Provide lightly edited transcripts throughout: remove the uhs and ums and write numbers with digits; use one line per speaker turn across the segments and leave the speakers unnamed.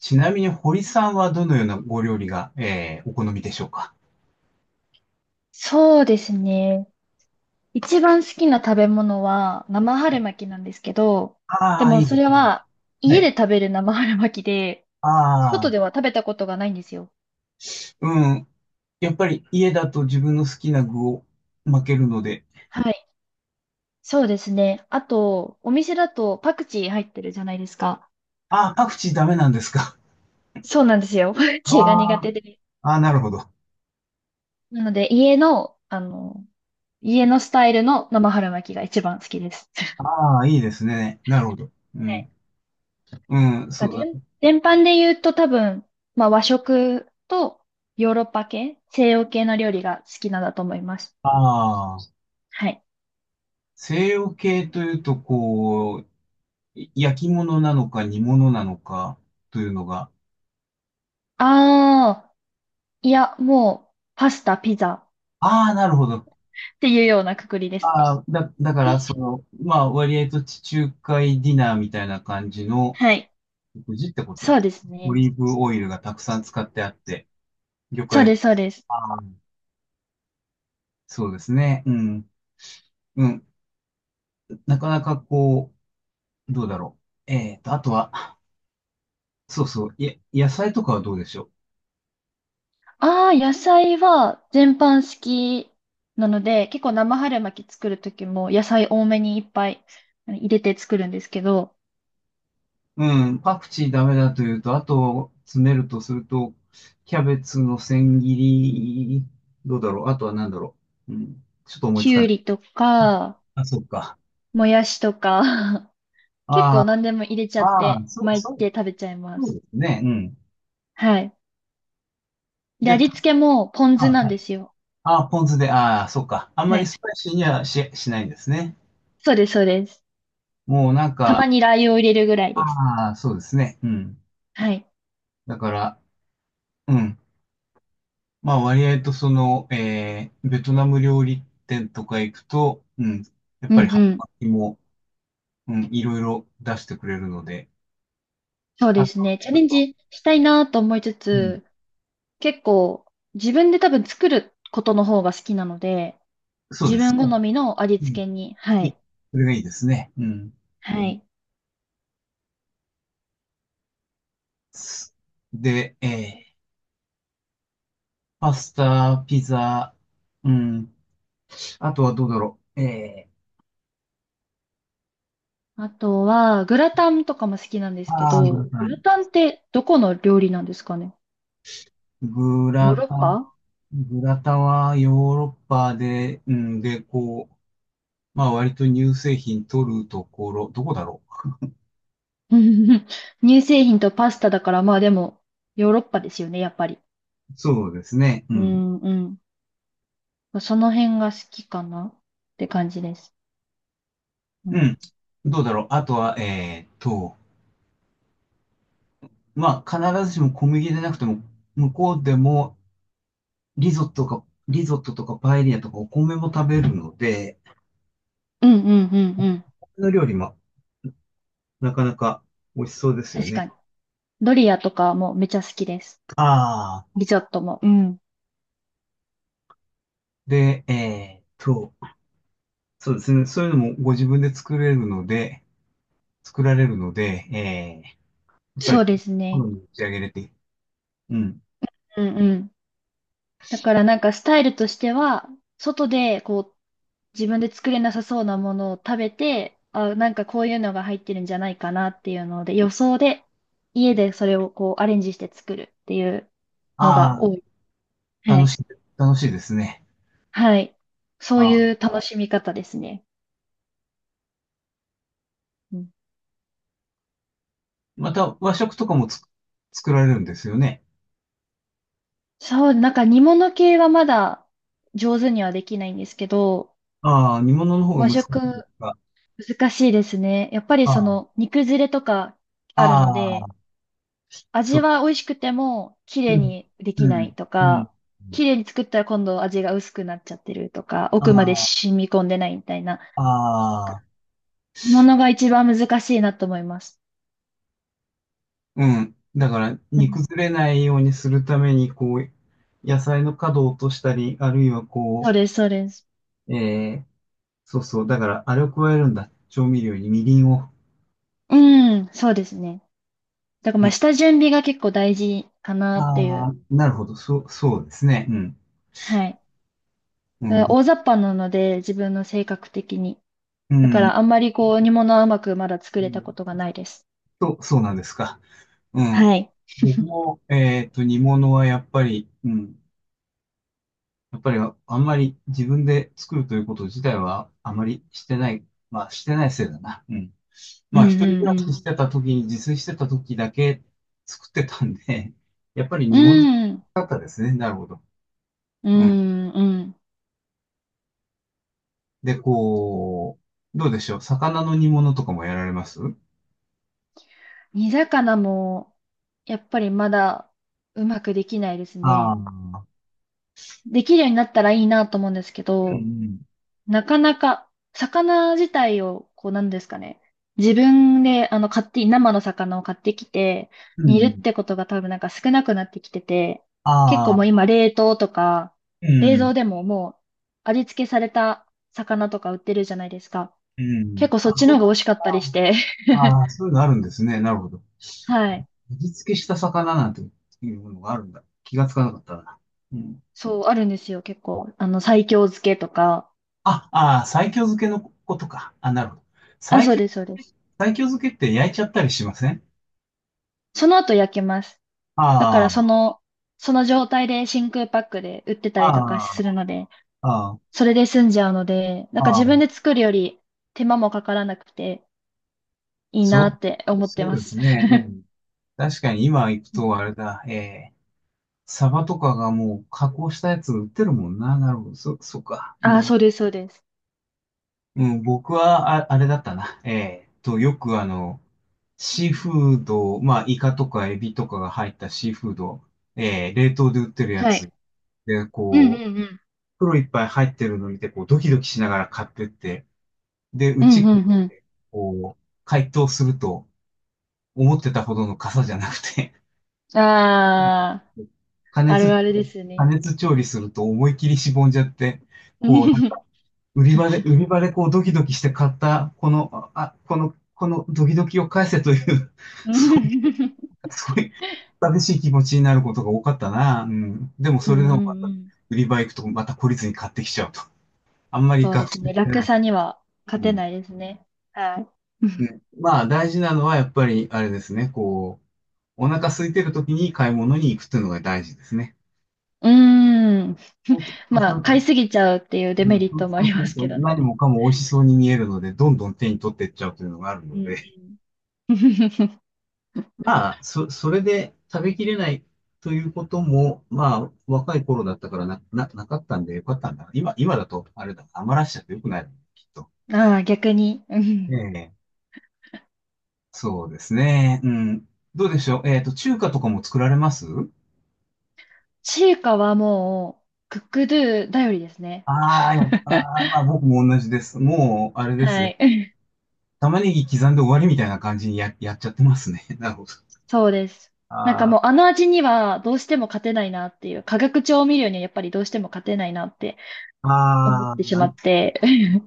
ちなみに堀さんはどのようなご料理が、お好みでしょうか。
そうですね。一番好きな食べ物は生
は
春
い。
巻きなんですけど、で
ああ、い
も
い
そ
です
れ
ね。
は
は
家で
い。
食べる生春巻きで、
あ
外
あ。
では食べたことがないんですよ。
うん。やっぱり家だと自分の好きな具を巻けるので。
はい。そうですね。あと、お店だとパクチー入ってるじゃないですか。
ああ、パクチーダメなんですか。
そうなんですよ。パク
あ
チーが苦
あ。
手で。
ああ、なるほど。
なので、家のスタイルの生春巻きが一番好きです。
ああ、いいですね。なるほど。うん。うん、
なん
そ
か
うだ
全、
ね。
全般で言うと多分、まあ和食とヨーロッパ系、西洋系の料理が好きなんだと思います。
ああ、
はい。
西洋系というと、こう、い焼き物なのか煮物なのかというのが。
ああ、いや、もう、パスタ、ピザ
ああ、なるほど。
っていうようなくくりです。
ああ、だから、その、まあ、割合と地中海ディナーみたいな感じの
はい。
食事ってこと
そ
で、
うです
オ
ね。
リーブオイルがたくさん使ってあって、魚
そう
介、
です、そうです。
ああ、そうですね、うん、うん、なかなかこう、どうだろう。あとは、そうそう、野菜とかはどうでしょう。
ああ、野菜は全般好きなので、結構生春巻き作るときも野菜多めにいっぱい入れて作るんですけど、
うん、パクチーダメだというと、あと、詰めるとすると、キャベツの千切り、どうだろう。あとは何だろう。うん、ちょっと思いつ
き
か
ゅう
ない。
りとか、
あ、そうか。
もやしとか 結
あ
構何でも入れちゃ
あ、
っ
ああ、
て、
そう、
巻い
そう、
て食べちゃいま
そう
す。
ですねうねん。
はい。で、
で、
味付けもポン酢
あ、
なん
は
で
い。
すよ。
ああ、ポン酢で、ああ、そうか。あんま
は
り
い。
スパイシーにはしないんですね。
そうです、そうです。
もうなん
たま
か、
にラー油を入れるぐらいです。
ああ、そうですね。うん。
はい。
だから、うん。まあ割合とその、ベトナム料理店とか行くと、うん。やっ
うん
ぱ
う
り春
ん。
巻きも、うん、いろいろ出してくれるので、
そうで
あと、
すね。チャ
あ
レン
と、
ジしたいなと思いつ
うん。
つ、結構自分で多分作ることの方が好きなので、
そう
自
です
分
ね。
好みの味
う
付
ん。
けに、は
いい、
い。
それがいいですね。うん。
はい。
すで、えーパスタ、ピザ、うん。あとはどうだろう。え
あとは、グラタンとかも好きなんで
ー、
すけ
あーグ
ど、
ラタ
グ
ン。
ラタンってどこの料理なんですかね？
グ
ヨー
ラ
ロッ
タン、
パ。
グラタンはヨーロッパで、うん、で、こう、まあ割と乳製品取るところ、どこだろ
うん。乳製品とパスタだから、まあでも、ヨーロッパですよね、やっぱり。
う。そうですね。う
う
ん。
んうん。まあその辺が好きかなって感じです。う
う
ん。
ん。どうだろう。あとは、まあ必ずしも小麦でなくても、向こうでもリゾットか、リゾットとかパエリアとかお米も食べるので、
うんうんうんうん。
の料理もなかなか美味しそうですよ
確か
ね。
に。ドリアとかもめちゃ好きです。
ああ、
リゾットも。うん。
で、そうですね。そういうのもご自分で作れるので、作られるので、やっぱ
そう
り、
です
好
ね。
みに仕上げれて、うん。
うんうん。だからなんかスタイルとしては、外でこう自分で作れなさそうなものを食べて、あ、なんかこういうのが入ってるんじゃないかなっていうので、予想で家でそれをこうアレンジして作るっていうのが
あ
多い。
あ、
は
楽
い。
しい、楽しいですね。
はい。そ
あ
う
あ、
いう楽しみ方ですね。うん、
また和食とかもつ作られるんですよね。
そう、なんか煮物系はまだ上手にはできないんですけど、
ああ、煮物の方が
和
難し
食
いですか。
難しいですね。やっぱり
あ
その煮崩れとかある
あ、あ
ので、
あ、そ
味
う。
は美味しくても、綺
う
麗
ん、
にで
う
きない
ん、
と
うん。
か、綺麗に作ったら今度味が薄くなっちゃってるとか、奥まで
あ
染み込んでないみたいな、
あ、ああ。
煮物が一番難しいなと思います。
うん。だから、
う
煮
ん。
崩れないようにするために、こう、野菜の角を落としたり、あるいは
そう
こ
です、そうです。
う、そうそう、だから、あれを加えるんだ。調味料にみりんを。
うん、そうですね。だから
う
まあ、
ん。
下準備が結構大事かなってい
あ
う。
あ、なるほど。そう、そうですね。うん。
はい。
う
だか
ん、
ら大雑把なので、自分の性格的に。
う
だから
ん。
あんまりこう、煮物はうまくまだ作
う
れたこ
ん
とがないです。
そう、そうなんですか。うん。
はい。
僕も、煮物はやっぱり、うん。やっぱり、あんまり自分で作るということ自体は、あまりしてない。まあ、してないせいだな。うん。
う
まあ、
ん、
一人暮
うん、う
ら
ん。
ししてた時に、自炊してた時だけ作ってたんで、やっぱり
う
煮物
ん、
だったですね。なるほど。
う
うん。
ん、うん。
で、こう、どうでしょう。魚の煮物とかもやられますうん。
煮魚も、やっぱりまだうまくできないです
ああ
ね。
ー、
できるようになったらいいなと思うんですけ
う
ど、
ん
なかなか、魚自体を、こうなんですかね。自分で、あの、買って、生の魚を買ってきて、
うん。う
煮るっ
ん。
てことが多分なんか少なくなってきてて、結
あ
構も
あ、
う今冷凍とか、
う
冷蔵
ん。
でももう味付けされた魚とか売ってるじゃないですか。
うん。
結構そ
あ、
っち
そ
の
う
方が
な
美味しか
ん
ったりし
だ。
て。
ああ、そういうのあるんですね。なるほど。
はい。
味付けした魚なんていうものがあるんだ。気がつかなかったな。うん。
そう、あるんですよ、結構。西京漬けとか。
あ、ああ、西京漬けのことか。あ、なるほど。
あ、
西
そう
京、
です、そうです。
西京漬けって焼いちゃったりしません。
その後焼けます。だから、そ
あ
の、その状態で真空パックで売ってたりとか
あ、
するので、
ああ、あ
それで済んじゃうので、な
あ、
んか
あ
自
あ、
分で作るより手間もかからなくていいな
そ
って
う、
思って
そう
ま
です
す。
ね。うん。確かに今行く
うん。
とあれだ、ええ、サバとかがもう加工したやつ売ってるもんな。なるほど、そうか。う
あ、
ん。
そうです、そうです。
うん、僕はあ、あれだったな。ええと、よくあの、シーフード、まあ、イカとかエビとかが入ったシーフード、ええ、冷凍で売ってるや
は
つ。
い。
で、
うんう
こう、
んうん。
袋いっぱい入ってるの見て、こう、ドキドキしながら買ってって、で、う
うん
ち、
うんう
こう、解凍すると、思ってたほどの傘じゃなくて、
ん。ああ、
加
あ
熱、
るあるです
加
ね。
熱調理すると思い切りしぼんじゃって、
う
こう、なんか、
ん
売り場で、売り場でこう、ドキドキして買った、この、あ、このドキドキを返せという、そういう、そういう、寂しい気持ちになることが多かったな。うん。でも、
う
そ
ん
れでもまた、
うん。
売り場行くと、また懲りずに買ってきちゃうと。あんまり
そうで
学
す
習
ね。
して
楽
ない。
さには
う
勝て
ん。
ないですね。はい。
うん、まあ、大事なのは、やっぱり、あれですね、こう、お腹空いてる時に買い物に行くっていうのが大事ですね。
うん。
そうす
まあ、
ると、
買いすぎちゃうっていうデ
う
メ
ん、
リッ
そう
トも
そ
あ
う
り
す
ま
る
す
と
けどね。
何もかも美味しそうに見えるので、どんどん手に取っていっちゃうというのがある
う
の
ん
で。
うん
まあ、それで食べきれないということも、まあ、若い頃だったからな、なかったんでよかったんだ。今、今だと、あれだ、余らしちゃってよくないの、きっと。
ああ、逆に。う
え
ん。
え、そうですね。うん。どうでしょう。えっと、中華とかも作られます。
中華はもう、クックドゥ頼りですね。
ああ、やっぱ、まあ僕も同じです。もう、あれです
は
ね。
い。
玉ねぎ刻んで終わりみたいな感じにやっちゃってますね。なるほど。
そうです。なんかもう
あ
あの味にはどうしても勝てないなっていう、化学調味料にはやっぱりどうしても勝てないなって
あ、
思っ
ああ、
てし
う
まっ
ん、
て、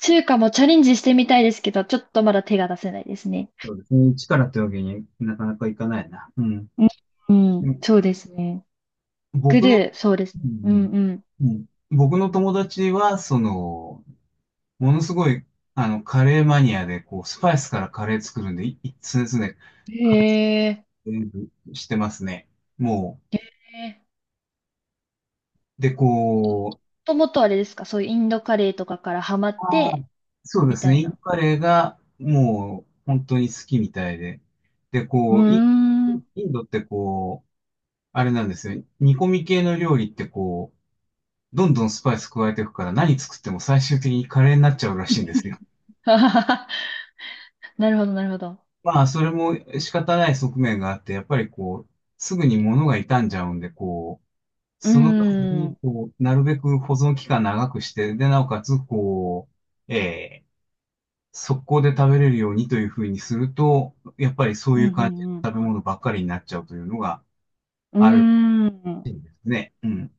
中華もチャレンジしてみたいですけど、ちょっとまだ手が出せないですね。
そうですね。一からというわけになかなかいかないな。うん。
うん、うん、
うん、
そうですね。グ
僕
ル
の、
ー、そうです
う
ね。うん
ん
う
うんうん、僕の友達は、その、ものすごい、あの、カレーマニアで、こう、スパイスからカレー作るんで、い常々、
ん。
カ
へえ。
レーしてますね。も
へえ、
う、で、こう、
もともとあれですか、そういうインドカレーとかからハマっ
ああ、
て、
そうで
み
す
た
ね。
い
インド
な。
カレーがもう本当に好きみたいで。で、
うー
こう、イン、
ん。
インドってこう、あれなんですよ。煮込み系の料理ってこう、どんどんスパイス加えていくから何作っても最終的にカレーになっちゃうらしいんですよ。
なるほど、なるほど。
まあ、それも仕方ない側面があって、やっぱりこう、すぐに物が傷んじゃうんで、こう、
うー
その前
ん。う
に、
ん
こう、なるべく保存期間長くして、で、なおかつ、こう、ええ速攻で食べれるようにというふうにすると、やっぱりそう
う
いう感じの
ん
食べ物ばっかりになっちゃうというのが
う
ある
ん。うーん。
らしいんですね。うん。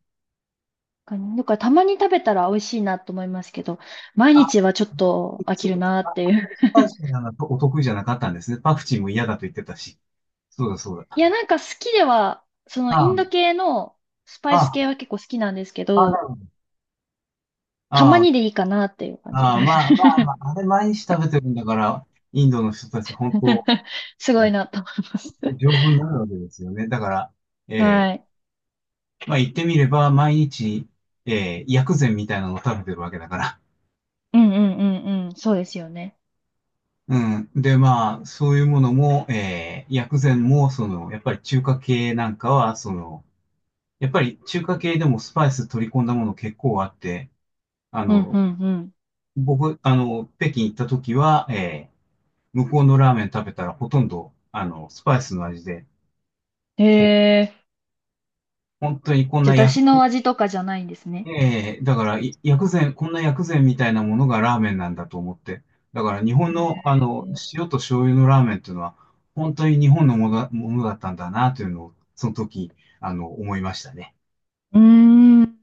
だからたまに食べたら美味しいなと思いますけど、毎
あ、
日はちょっと飽き
そう
る
か、
なっ
か。
て
あ
い
んま
う。
りスパイシーなのがお得意じゃなかったんですね。パクチーも嫌だと言ってたし。そうだそう
い
だ。
や、なんか好きでは、そのイ
あ
ン
あ、
ド系のスパイス系
あ
は結構好きなんですけ
あ、なる
ど、
ほど。
た
あ
ま
あ、
にでいいかなっていう感じ
ああ、
です。
まあまあまあ、あれ毎日食べてるんだから、インドの人たち本当、
すごいなと思います。
丈夫になるわけですよね。だから、ええ
はい。
まあ言ってみれば、毎日、ええ薬膳みたいなのを食べてるわけだから。
うんうんうんうん。そうですよね。
うん。で、まあ、そういうものも、薬膳も、その、やっぱり中華系なんかは、その、やっぱり中華系でもスパイス取り込んだもの結構あって、あ
うんう
の、
んう
僕、あの、北京行った時は、えー、向こうのラーメン食べたらほとんど、あの、スパイスの味で、
ん。
こう
へえ。
本当にこん
じゃあ、
な
だ
薬
しの味とかじゃないんですね。
ええ、だから、い薬膳、こんな薬膳みたいなものがラーメンなんだと思って。だから、日本の、あの、塩と醤油のラーメンっていうのは、本当に日本のものだ、ものだったんだな、というのを、その時、あの、思いましたね。
うーん。